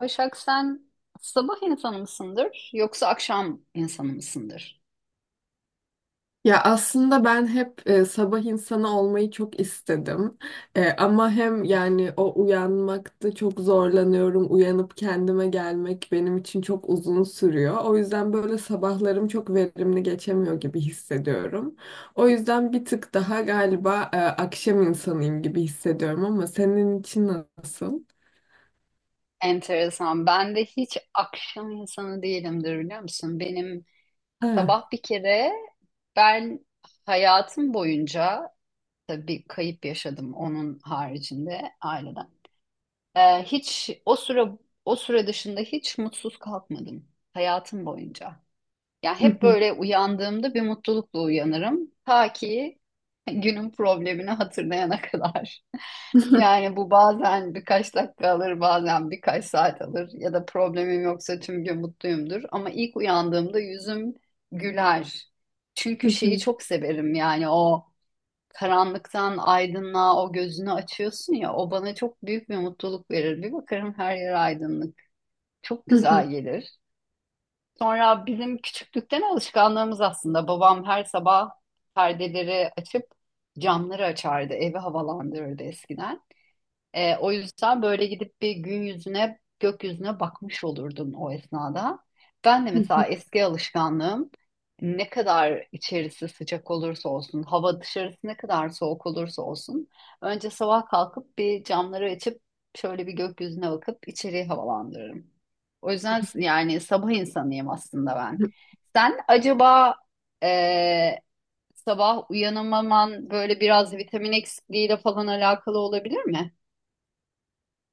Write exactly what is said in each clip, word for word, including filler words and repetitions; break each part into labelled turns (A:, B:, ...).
A: Başak sen sabah insanı mısındır yoksa akşam insanı mısındır?
B: Ya aslında ben hep e, sabah insanı olmayı çok istedim. E, ama hem yani o uyanmakta çok zorlanıyorum. Uyanıp kendime gelmek benim için çok uzun sürüyor. O yüzden böyle sabahlarım çok verimli geçemiyor gibi hissediyorum. O yüzden bir tık daha galiba e, akşam insanıyım gibi hissediyorum ama senin için nasıl?
A: Enteresan. Ben de hiç akşam insanı değilimdir biliyor musun? Benim
B: Ha.
A: sabah bir kere ben hayatım boyunca tabii kayıp yaşadım onun haricinde aileden. Ee, hiç o süre o süre dışında hiç mutsuz kalkmadım hayatım boyunca. Ya hep böyle uyandığımda bir mutlulukla uyanırım. Ta ki günün problemini hatırlayana kadar. Yani bu bazen birkaç dakika alır, bazen birkaç saat alır. Ya da problemim yoksa tüm gün mutluyumdur. Ama ilk uyandığımda yüzüm güler. Çünkü şeyi çok severim yani o karanlıktan aydınlığa o gözünü açıyorsun ya, o bana çok büyük bir mutluluk verir. Bir bakarım her yer aydınlık. Çok güzel gelir. Sonra bizim küçüklükten alışkanlığımız aslında. Babam her sabah perdeleri açıp camları açardı, evi havalandırırdı eskiden. Ee, o yüzden böyle gidip bir gün yüzüne, gökyüzüne bakmış olurdun o esnada. Ben de mesela eski alışkanlığım, ne kadar içerisi sıcak olursa olsun, hava dışarısı ne kadar soğuk olursa olsun, önce sabah kalkıp bir camları açıp şöyle bir gökyüzüne bakıp içeriği havalandırırım. O yüzden s- yani sabah insanıyım aslında ben. Sen acaba e, sabah uyanamaman böyle biraz vitamin eksikliğiyle falan alakalı olabilir mi?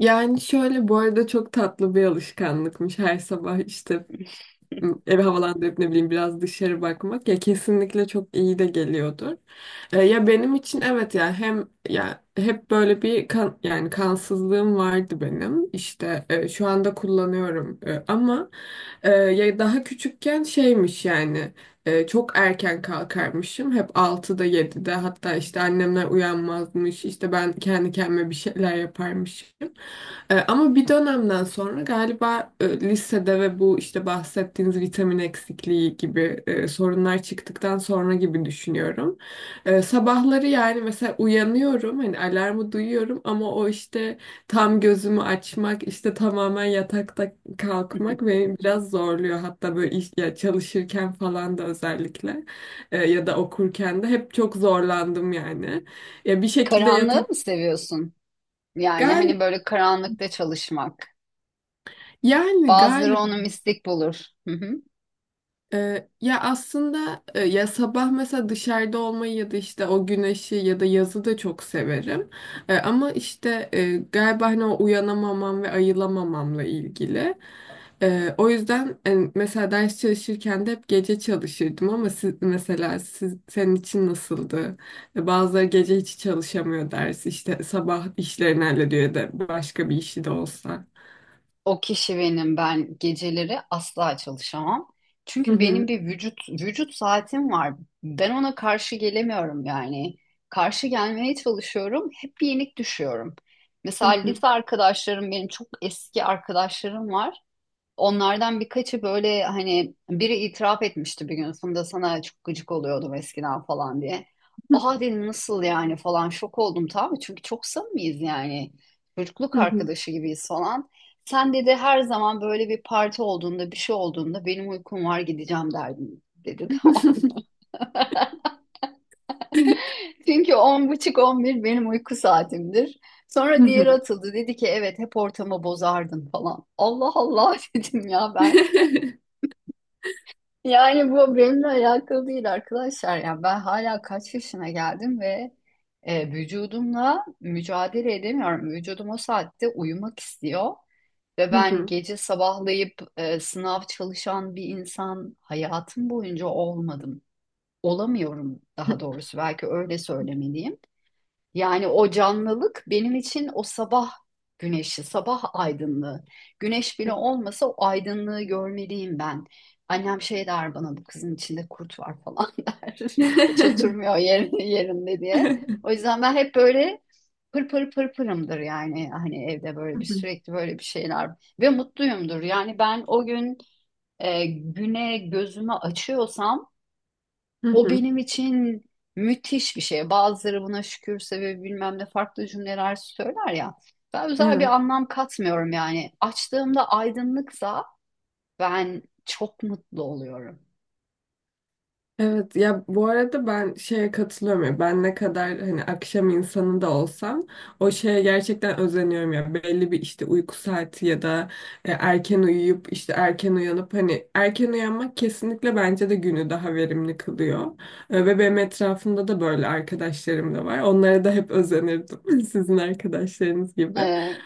B: Yani şöyle, bu arada çok tatlı bir alışkanlıkmış, her sabah işte evi havalandırıp ne bileyim biraz dışarı bakmak. Ya kesinlikle çok iyi de geliyordur. E, ya benim için evet, ya hem ya hep böyle bir kan, yani kansızlığım vardı benim. İşte e, şu anda kullanıyorum. E, ama e, ya daha küçükken şeymiş yani, e, çok erken kalkarmışım. Hep altıda yedide, hatta işte annemler uyanmazmış. İşte ben kendi kendime bir şeyler yaparmışım. E, ama bir dönemden sonra galiba e, lisede ve bu işte bahsettiğiniz vitamin eksikliği gibi e, sorunlar çıktıktan sonra gibi düşünüyorum. E, sabahları yani mesela uyanıyorum, hani alarmı duyuyorum ama o işte tam gözümü açmak, işte tamamen yatakta kalkmak beni biraz zorluyor. Hatta böyle iş, ya çalışırken falan da özellikle e, ya da okurken de hep çok zorlandım yani. Ya bir şekilde yatak
A: Karanlığı mı seviyorsun? Yani hani
B: galiba
A: böyle karanlıkta çalışmak.
B: yani
A: Bazıları
B: galiba
A: onu mistik bulur. Hı hı.
B: Ee, ya aslında e, ya sabah mesela dışarıda olmayı ya da işte o güneşi ya da yazı da çok severim. E, ama işte e, galiba hani o uyanamamam ve ayılamamamla ilgili. E, o yüzden e, mesela ders çalışırken de hep gece çalışırdım ama siz, mesela siz, senin için nasıldı? E, bazıları gece hiç çalışamıyor, ders işte sabah işlerini hallediyor, ya da başka bir işi de olsa.
A: O kişi benim. Ben geceleri asla çalışamam.
B: Hı
A: Çünkü benim
B: hı.
A: bir vücut vücut saatim var. Ben ona karşı gelemiyorum yani. Karşı gelmeye çalışıyorum. Hep yenik düşüyorum. Mesela
B: Hı hı.
A: lise arkadaşlarım, benim çok eski arkadaşlarım var. Onlardan birkaçı böyle hani biri itiraf etmişti bir gün, "Funda sana çok gıcık oluyordum eskiden" falan diye. Aa dedim, nasıl yani falan, şok oldum tabii çünkü çok samimiyiz yani. Çocukluk
B: Hı hı.
A: arkadaşı gibiyiz falan. Sen dedi, her zaman böyle bir parti olduğunda bir şey olduğunda, "benim uykum var, gideceğim" derdin dedi. Tamam. Çünkü on buçuk on bir benim uyku saatimdir.
B: Hı
A: Sonra
B: hı.
A: diğeri atıldı, dedi ki evet hep ortamı bozardın falan. Allah Allah, dedim ya ben. Yani bu benimle alakalı değil arkadaşlar. Yani ben hala kaç yaşına geldim ve e, vücudumla mücadele edemiyorum. Vücudum o saatte uyumak istiyor ve
B: Hı
A: ben
B: hı.
A: gece sabahlayıp e, sınav çalışan bir insan hayatım boyunca olmadım. Olamıyorum daha doğrusu, belki öyle söylemeliyim. Yani o canlılık benim için o sabah güneşi, sabah aydınlığı. Güneş bile olmasa o aydınlığı görmeliyim ben. Annem şey der bana, "bu kızın içinde kurt var" falan der. Hiç oturmuyor yerinde, yerinde diye. O yüzden ben hep böyle pır pır pır pırımdır yani. Hani evde
B: Hı
A: böyle bir
B: hı.
A: sürekli böyle bir şeyler ve mutluyumdur. Yani ben o gün e, güne gözümü açıyorsam,
B: Hı
A: o
B: hı.
A: benim için müthiş bir şey. Bazıları buna şükürse ve bilmem ne farklı cümleler söyler ya. Ben özel bir
B: Evet.
A: anlam katmıyorum yani. Açtığımda aydınlıksa ben çok mutlu oluyorum.
B: Evet, ya bu arada ben şeye katılıyorum. Ya ben ne kadar hani akşam insanı da olsam o şeye gerçekten özeniyorum. Ya belli bir işte uyku saati ya da e, erken uyuyup işte erken uyanıp, hani erken uyanmak kesinlikle bence de günü daha verimli kılıyor. E, ve benim etrafımda da böyle arkadaşlarım da var, onlara da hep özenirdim sizin arkadaşlarınız gibi.
A: Ee,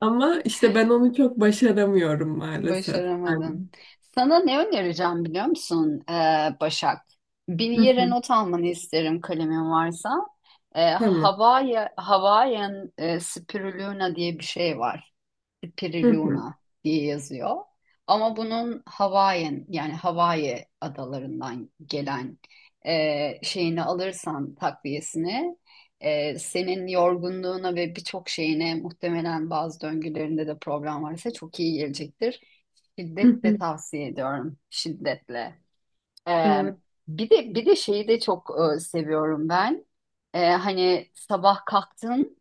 B: Ama işte ben onu çok başaramıyorum maalesef. Yani.
A: Başaramadım. Sana ne önereceğim biliyor musun ee, Başak? Bir
B: Hı
A: yere
B: hı.
A: not almanı isterim kalemin varsa. Ee,
B: Tamam.
A: Havaya, Hawaiian e, Spirulina diye bir şey var.
B: Hı hı.
A: Piriluna diye yazıyor. Ama bunun Hawaiian yani Hawaii adalarından gelen e, şeyini alırsan, takviyesini, e, senin yorgunluğuna ve birçok şeyine, muhtemelen bazı döngülerinde de problem varsa çok iyi gelecektir.
B: Hı
A: Şiddetle
B: hı.
A: tavsiye ediyorum. Şiddetle. E,
B: Evet.
A: bir de bir de şeyi de çok e, seviyorum ben. E, hani sabah kalktın,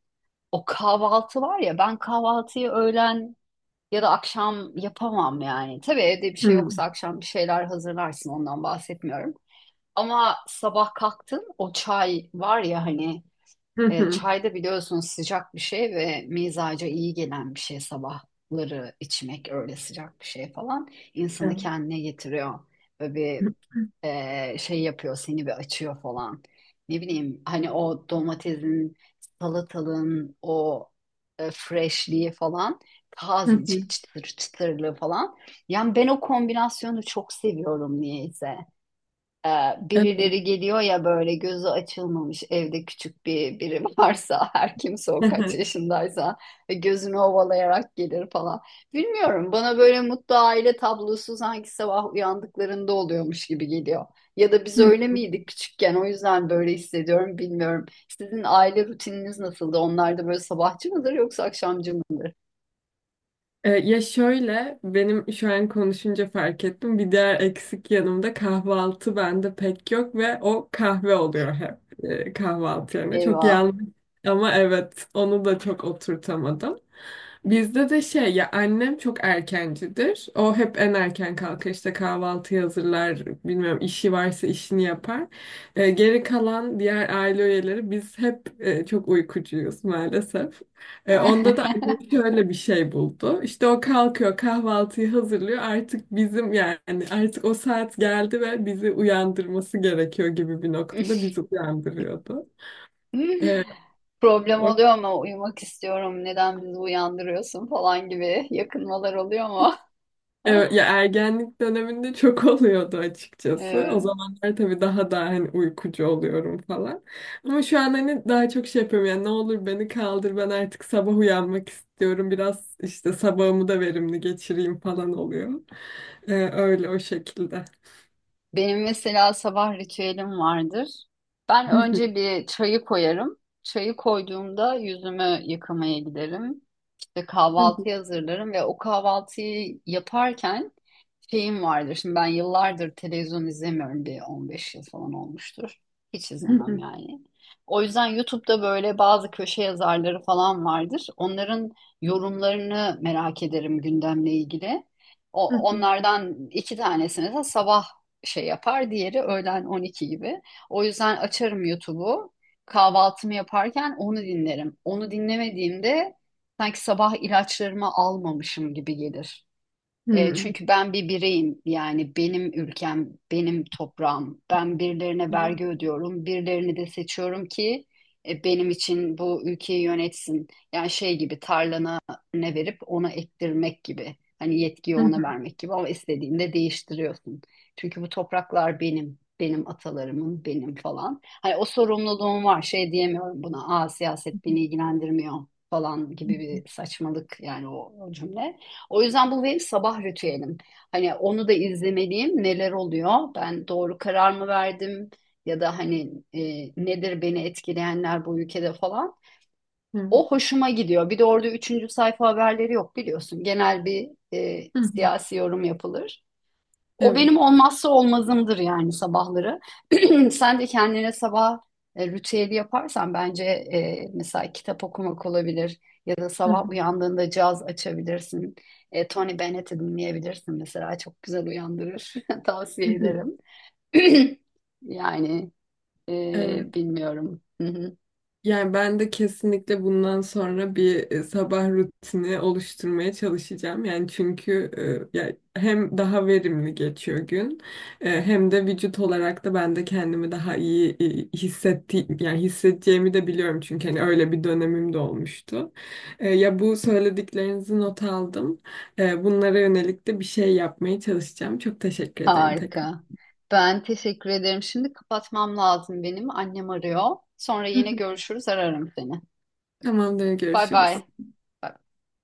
A: o kahvaltı var ya, ben kahvaltıyı öğlen ya da akşam yapamam yani. Tabii evde bir şey
B: Hı.
A: yoksa akşam bir şeyler hazırlarsın, ondan bahsetmiyorum. Ama sabah kalktın o çay var ya hani,
B: Hı
A: e,
B: hı.
A: çay da biliyorsunuz sıcak bir şey ve mizaca iyi gelen bir şey, sabahları içmek öyle sıcak bir şey falan,
B: Evet.
A: insanı kendine getiriyor. Böyle bir e, şey yapıyor, seni bir açıyor falan. Ne bileyim hani o domatesin, salatalığın o e, freshliği falan,
B: Hı hı.
A: tazecik çıtır çıtırlığı falan. Yani ben o kombinasyonu çok seviyorum niyeyse. Ee,
B: Evet.
A: Birileri geliyor ya, böyle gözü açılmamış, evde küçük bir biri varsa, her kimse o
B: Hı
A: kaç
B: hı.
A: yaşındaysa, ve gözünü ovalayarak gelir falan. Bilmiyorum, bana böyle mutlu aile tablosu sanki sabah uyandıklarında oluyormuş gibi geliyor. Ya da biz
B: Hı
A: öyle
B: hı.
A: miydik küçükken, o yüzden böyle hissediyorum bilmiyorum. Sizin aile rutininiz nasıldı? Onlar da böyle sabahçı mıdır yoksa akşamcı mı?
B: E, Ya şöyle, benim şu an konuşunca fark ettim. Bir diğer eksik yanımda kahvaltı bende pek yok ve o kahve oluyor hep e, kahvaltı yerine. Çok
A: Eyvah.
B: yanlış ama evet, onu da çok oturtamadım. Bizde de şey, ya annem çok erkencidir. O hep en erken kalkar, işte kahvaltı hazırlar, bilmiyorum işi varsa işini yapar. Ee, geri kalan diğer aile üyeleri biz hep e, çok uykucuyuz maalesef. Ee, onda da annem şöyle bir şey buldu. İşte o kalkıyor, kahvaltıyı hazırlıyor, artık bizim yani artık o saat geldi ve bizi uyandırması gerekiyor gibi bir noktada bizi uyandırıyordu. Ee,
A: Problem oluyor ama uyumak istiyorum. Neden bizi uyandırıyorsun falan gibi yakınmalar oluyor mu?
B: Evet, ya ergenlik döneminde çok oluyordu açıkçası. O
A: Evet.
B: zamanlar tabii daha da hani uykucu oluyorum falan. Ama şu an hani daha çok şey yapıyorum, yani ne olur beni kaldır, ben artık sabah uyanmak istiyorum. Biraz işte sabahımı da verimli geçireyim falan oluyor. Ee, öyle, o şekilde.
A: Benim mesela sabah ritüelim vardır. Ben önce bir çayı koyarım. Çayı koyduğumda yüzümü yıkamaya giderim. İşte kahvaltıyı hazırlarım ve o kahvaltıyı yaparken şeyim vardır. Şimdi ben yıllardır televizyon izlemiyorum. Bir on beş yıl falan olmuştur. Hiç izlemem yani. O yüzden YouTube'da böyle bazı köşe yazarları falan vardır. Onların yorumlarını merak ederim gündemle ilgili. O, onlardan iki tanesi mesela sabah şey yapar. Diğeri öğlen on iki gibi. O yüzden açarım YouTube'u. Kahvaltımı yaparken onu dinlerim. Onu dinlemediğimde sanki sabah ilaçlarımı almamışım gibi gelir. E,
B: Evet.
A: çünkü ben bir bireyim yani, benim ülkem, benim toprağım. Ben birilerine vergi ödüyorum, birilerini de seçiyorum ki e, benim için bu ülkeyi yönetsin. Yani şey gibi, tarlana ne verip ona ektirmek gibi. Hani yetkiyi ona vermek gibi ama istediğinde değiştiriyorsun. Çünkü bu topraklar benim, benim atalarımın, benim falan. Hani o sorumluluğum var, şey diyemiyorum buna. Aa, siyaset beni ilgilendirmiyor falan gibi bir saçmalık yani o o cümle. O yüzden bu benim sabah ritüelim. Hani onu da izlemeliyim. Neler oluyor? Ben doğru karar mı verdim? Ya da hani e, nedir beni etkileyenler bu ülkede falan.
B: Evet.
A: O hoşuma gidiyor. Bir de orada üçüncü sayfa haberleri yok biliyorsun. Genel bir e, siyasi yorum yapılır. O benim olmazsa olmazımdır yani sabahları. Sen de kendine sabah e, ritüeli yaparsan bence, e, mesela kitap okumak olabilir ya da sabah uyandığında caz açabilirsin. E, Tony Bennett'i dinleyebilirsin mesela, çok güzel uyandırır. Tavsiye ederim. Yani
B: Evet.
A: e, bilmiyorum. Hı hı.
B: Yani ben de kesinlikle bundan sonra bir e, sabah rutini oluşturmaya çalışacağım. Yani çünkü e, ya hem daha verimli geçiyor gün, e, hem de vücut olarak da ben de kendimi daha iyi e, hissetti yani hissedeceğimi de biliyorum, çünkü hani öyle bir dönemim de olmuştu. E, Ya bu söylediklerinizi not aldım. E, Bunlara yönelik de bir şey yapmaya çalışacağım. Çok teşekkür ederim tekrar.
A: Harika. Ben teşekkür ederim. Şimdi kapatmam lazım benim. Annem arıyor. Sonra yine görüşürüz, ararım seni.
B: Tamamdır,
A: Bay
B: görüşürüz.
A: bay.